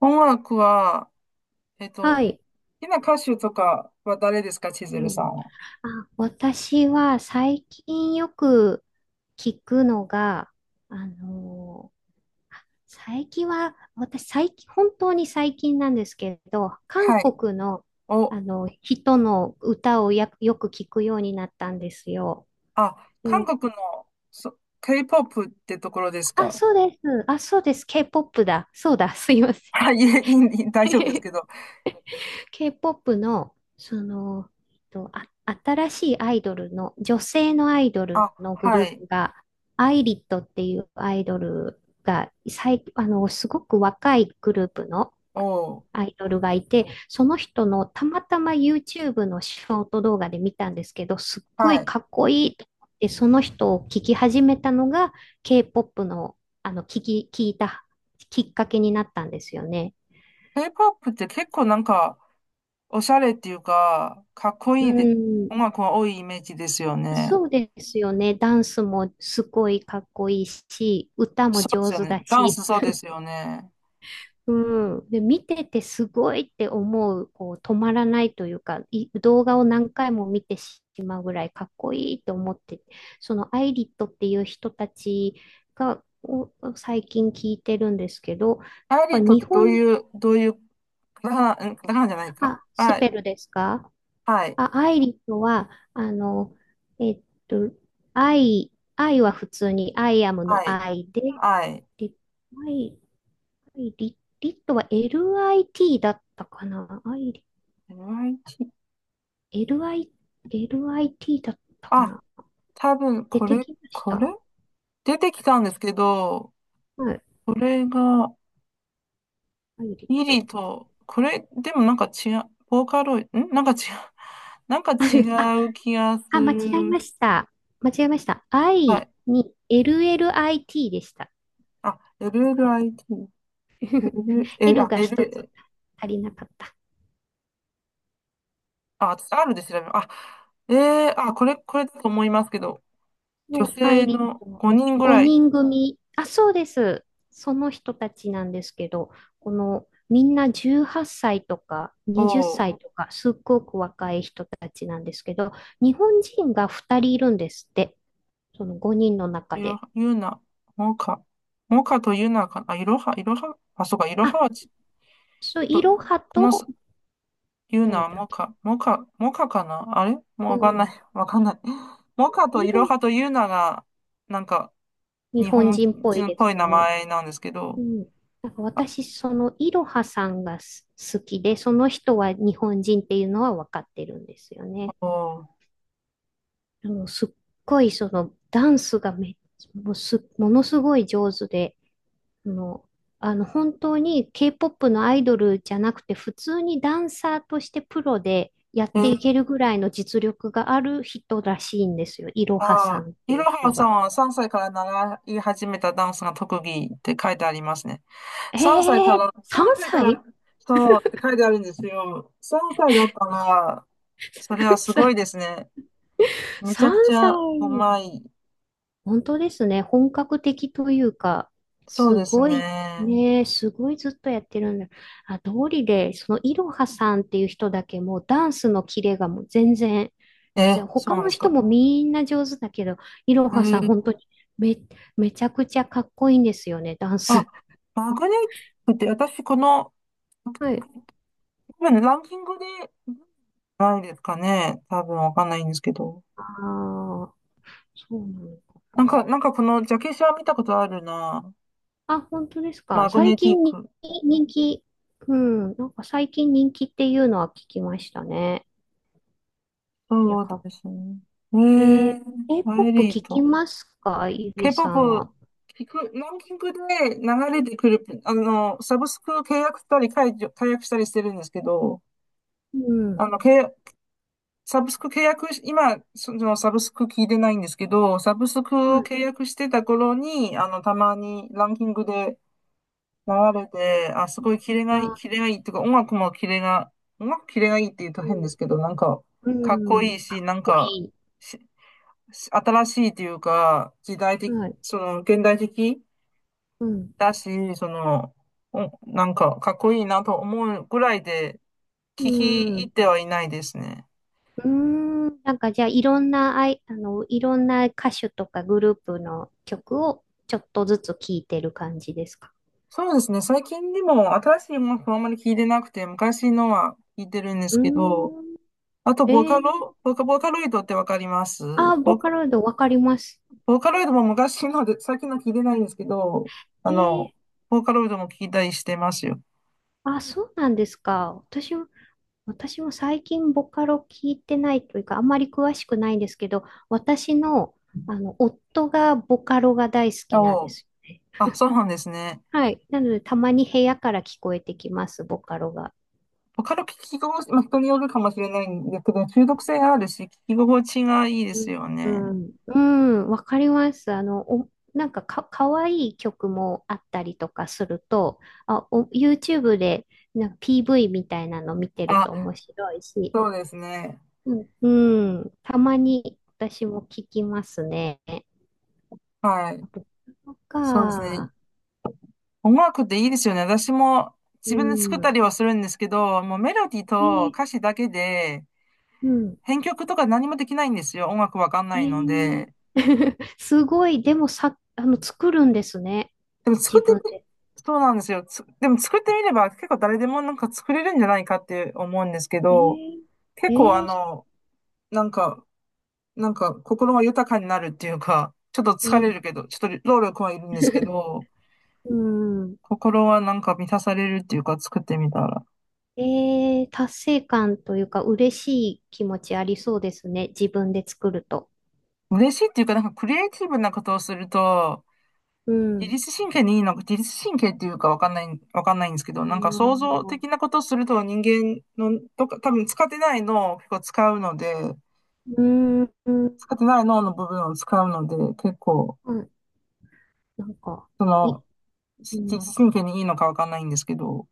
音楽は、はい。好きな歌手とかは誰ですか、千う鶴ん。さんは？あ、私は最近よく聞くのが、あのーあ、最近は、私最近、本当に最近なんですけど、韓はい。国の、お、あの人の歌をよく聞くようになったんですよ。あ、で韓も、国の、K-POP ってところですあ、か？そうです。あ、そうです。K-POP だ。そうだ。すいませ ん。はい、いえ、いい大丈夫ですけ ど。K-POP の、あ、新しいアイドルの、女性のアイドルあ、のグはルーい。プが、アイリットっていうアイドルが、すごく若いグループのお、アイドルがいて、その人のたまたま YouTube のショート動画で見たんですけど、すっごはいい。かっこいいと思って、その人を聞き始めたのが、K-POP の、聞いたきっかけになったんですよね。K-POP って結構なんか、おしゃれっていうか、かっこういいで、ん。音楽が多いイメージですよね。そうですよね。ダンスもすごいかっこいいし、歌もそうです上よ手ね。だダンし、スそうですよね。うん。で、見ててすごいって思う、こう、止まらないというか、動画を何回も見てしまうぐらいかっこいいと思って、そのアイリットっていう人たちを最近聞いてるんですけど、やっアイリぱーとっ日てどう本、いう、どういう、カタカナ、カタカナじゃないか。あ、スはペい。ルですか？はい。あ、愛理とは、えっと、愛は普通に、アイアムはのい。愛で、はい。リ、愛、愛リ、リットは LIT だったかな。愛リ、YT。LI、LIT だったかあ、な。多分、出こてれ、きましこれた。出てきたんですけど、はい、これが、愛リッイト。リと、これ、でもなんか違う、ボーカロイド、なんか違う、なんか違 あ、う気がすあ、間違える。ました。間違えました。は愛い。に LLIT でした。あ、LLIT。L、L L あ、が一つ L、足りなかった。あ、私 R で調べる。あ、えあ、これだと思いますけど、女のア性イリッのトの5人ぐらい5人組、あ、そうです。その人たちなんですけど、このみんな18歳とか20を、歳とか、すっごく若い人たちなんですけど、日本人が2人いるんですって、その5人のい中ろで。は、モカ、モカとユーナかな、あ、いろは、あ、そうか、いろはあ、はちょっそう、いと、ろはこのす、と、ユー誰ナ、だっモけ？カ、モカ、モカかなあれもううわかんん、ない、わかんない。モカといいろろ、はとユーナが、なんか、日日本本人っぽい人っですぽい名ね。前なんですけうど、ん。なんか私、そのいろはさんが好きで、その人は日本人っていうのは分かってるんですよおね。ーすっごいそのダンスがもう、ものすごい上手で、あの、本当に K-POP のアイドルじゃなくて普通にダンサーとしてプロでやっえてー、いけるぐらいの実力がある人らしいんですよ。いろはさあー、んっていいろう人はさんが。は3歳から習い始めたダンスが特技って書いてありますね。え3歳から、3 3歳か歳 ら、そうって書いてあるんですよ。3歳だったら、それは ?3 すごい歳 ですね。めちゃくちゃう まい。本当ですね。本格的というか、そうすですごいね。ね、すごいずっとやってるんだ。あ、通りで、そのいろはさんっていう人だけもうダンスのキレがもう全然、あ、じえ、ゃあそう他なんでのす人か？もみんな上手だけど、いろえはさんー本当にめ、めちゃくちゃかっこいいんですよね、ダンあ、ス。マグネティックって私この、はい。今ね、ランキングでないですかね。多分わかんないんですけど。ああ、そうなの。なんかこのジャケ写は見たことあるな。あ、本当ですか？マグ最ネティッ近にク。人気、うん、なんか最近人気っていうのは聞きましたね。いや、そうかっですね。ええー、ー、アイ K-POP リー聞きト。ますか、ゆりさん K-POP は？聞く、ランキングで流れてくる、サブスク契約したり解除、解約したりしてるんですけど、うん。あの、契約、サブスク契約し、今、そのサブスク聞いてないんですけど、サブスクはをい。契約してた頃に、たまにランキングで流れて、あ、すごいキレがいい、あ、キレがいいっていうか、音楽もキレが、音楽キレがいいっていうとう変でん。すけど、なんか、うかっこん。いいし、なん多か、いし、し新しいっていうか、時代い。的、はい。その、現代的うん。だし、その、お、なんか、かっこいいなと思うぐらいで、う聞きん。入っうてはいないですね。ーん。なんかじゃあ、いろんな歌手とかグループの曲をちょっとずつ聴いてる感じですか？そうですね。最近でも新しい音楽はあんまり聞いてなくて、昔のは聞いてるんでうすけど、ーん。あとえー、ボーカロイドってわかります？あ、ボボーカカ、ロイドわかります。ボーカロイドも昔ので、最近のは聞いてないんですけど、あえー、の、ボーカロイドも聞いたりしてますよ。あ、そうなんですか？私も最近ボカロ聞いてないというか、あんまり詳しくないんですけど、私の、夫がボカロが大好きなんでお、すよ。あ、そうなんですね。はい。なので、たまに部屋から聞こえてきます、ボカロが。ボカロ聞き心地、まあ、人によるかもしれないんですけど、中毒性があるし、聞き心地がいいですようね。ん。うん、わかります。お、なんかかわいい曲もあったりとかすると、あ、お、YouTube でなんか PV みたいなの見てるとあ、面白いし、そうですね。うん、うん、たまに私も聞きますね。はあい。と、そそうですね。か。音楽っていいですよね。私もう自分で作ったん。りはするんですけど、もうメロディーとえ歌詞だけで、うん。編曲とか何もできないんですよ。音楽わかんえないのー で。すごい、でもさ、作るんですね。でも作っ自て分み、で。そうなんですよ。でも作ってみれば結構誰でもなんか作れるんじゃないかって思うんですけえど、ー、え結構ー、なんか、なんか心が豊かになるっていうか、ちょっとえ疲ー れるけど、ちょっと労力はいるんですけ ど、うん。心はなんか満たされるっていうか作ってみたら。えー、達成感というか、嬉しい気持ちありそうですね。自分で作ると。嬉しいっていうか、なんかクリエイティブなことをすると、う自ん。律神経にいいのか、自律神経っていうかわかんないんですけど、あなんかー想像的なことをすると人間の、とか、多分使ってない脳を結構使うので、うん。うん、使ってない脳の部分を使うので、結構、なんか、そい、の、うし自ん。律神経にいいのかわかんないんですけど、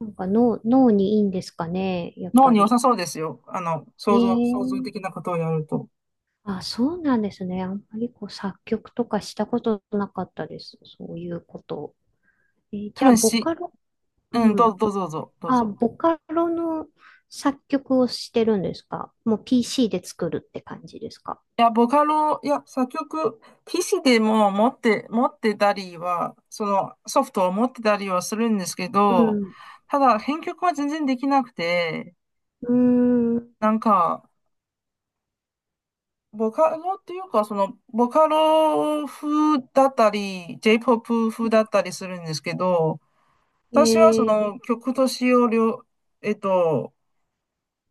なんか脳にいいんですかね、やっ脳ぱに良り。さそうですよ。想像、想像え的えなことをやると。あ、そうなんですね。あんまりこう作曲とかしたことなかったです。そういうこと。じ多ゃあ、分ボし、カロ、うん、うどうん。ぞ、どうぞ、どうぞ。どうあ、ぞボカロの作曲をしてるんですか？もう PC で作るって感じですか？いや、ボカロ、いや、作曲、PC でも持ってたりは、そのソフトを持ってたりはするんですけうど、ん。ただ、編曲は全然できなくて、うーん。なんか、ボカロっていうか、その、ボカロ風だったり、J-POP 風だったりするんですけど、私はそえー、の曲と詞をえっと、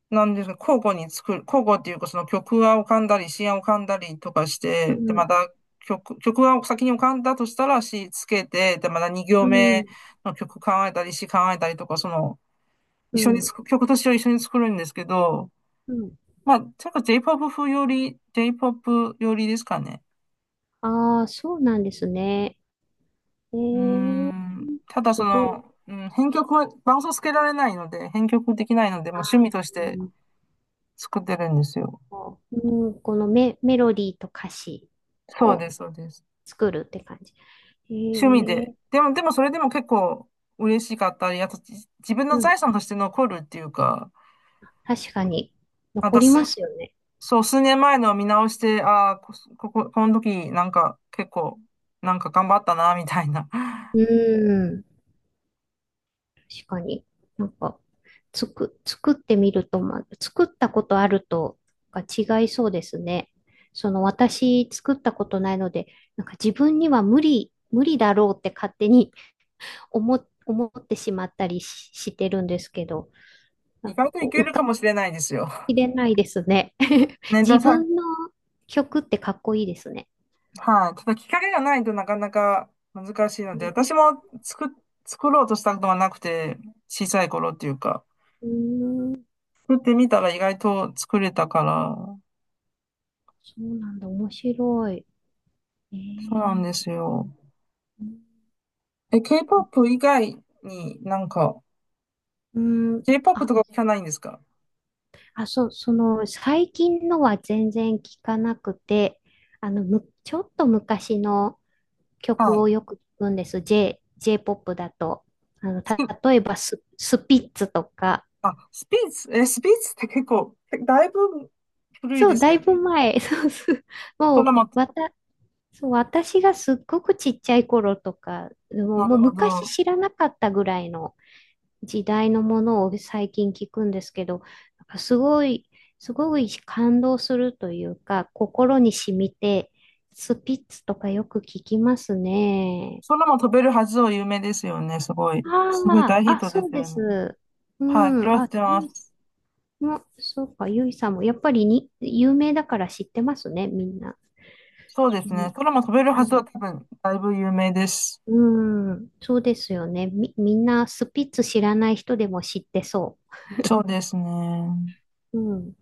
なんですか、交互に作る、交互っていうか、その曲が浮かんだり、詩が浮かんだりとかしうて、で、まん、た曲が先に浮かんだとしたら詩つけて、で、また2う行目ん、の曲考えたり、詩考えたりとか、その、う一緒にん、作曲と詩を一緒に作るんですけど、うん。まあ、ちょっ J-POP 風より、J-POP よりですかね。ああ、そうなんですね。えうーー、ん、ただすそごい。の、うん、編曲は伴奏つけられないので、編曲できないので、もう趣味あとして作ってるんですよ。ー、うん、このメロディーと歌詞そうをです、そうです。作るって感じ。趣味へで。え、でもそれでも結構嬉しかったり、あと自分うの財ん。産として残るっていうか、確かに、ま残たりますよね。そう、数年前のを見直して、ああ、この時なんか結構、なんか頑張ったな、みたいな。うん。確かに。なんか、作ってみると、ま、作ったことあるとが違いそうですね。私、作ったことないので、なんか自分には無理、無理だろうって勝手に 思ってしまったりしてるんですけど、な意ん外かといこう、け浮るかかもしれないですよ。びきれないですね。ね、でも自さ、分の曲ってかっこいいですね。はい、ただきっかけがないとなかなか難しいので、私も作ろうとしたことがなくて、小さい頃っていうか、うん。作ってみたら意外と作れたから、そうなんだ、面白い。えそうなー、んですよ。え、K-POP 以外になんか、うん、K-POP あ、とか聞かないんですか？あ、そう、最近のは全然聞かなくて、ちょっと昔のは曲い。をよく聞くんです。J-POP だと。スピ例えばスピッツとか。あ、スピッツ、え、スピッツって結構、だいぶ古いそでう、すだよいね。ぶ前。そうす、も空も、う、そう、私がすっごくちっちゃい頃とか、もう、なもるうほ昔ど。知らなかったぐらいの、時代のものを最近聞くんですけど、なんかすごい、すごい感動するというか、心に染みて、スピッツとかよく聞きますね。空も飛べるはずを有名ですよね。すごい。すごいあ大ヒあ、ッあ、トでそうすでよね。す。うはい、そん、れは知っあ、てまゆいす。も、そうか、ゆいさんも、やっぱりに、有名だから知ってますね、みんな。そうでうすね。ん、空も飛べるうはずはん多分、だいぶ有名です。うんそうですよね。みんなスピッツ知らない人でも知ってそそうですね。う。うん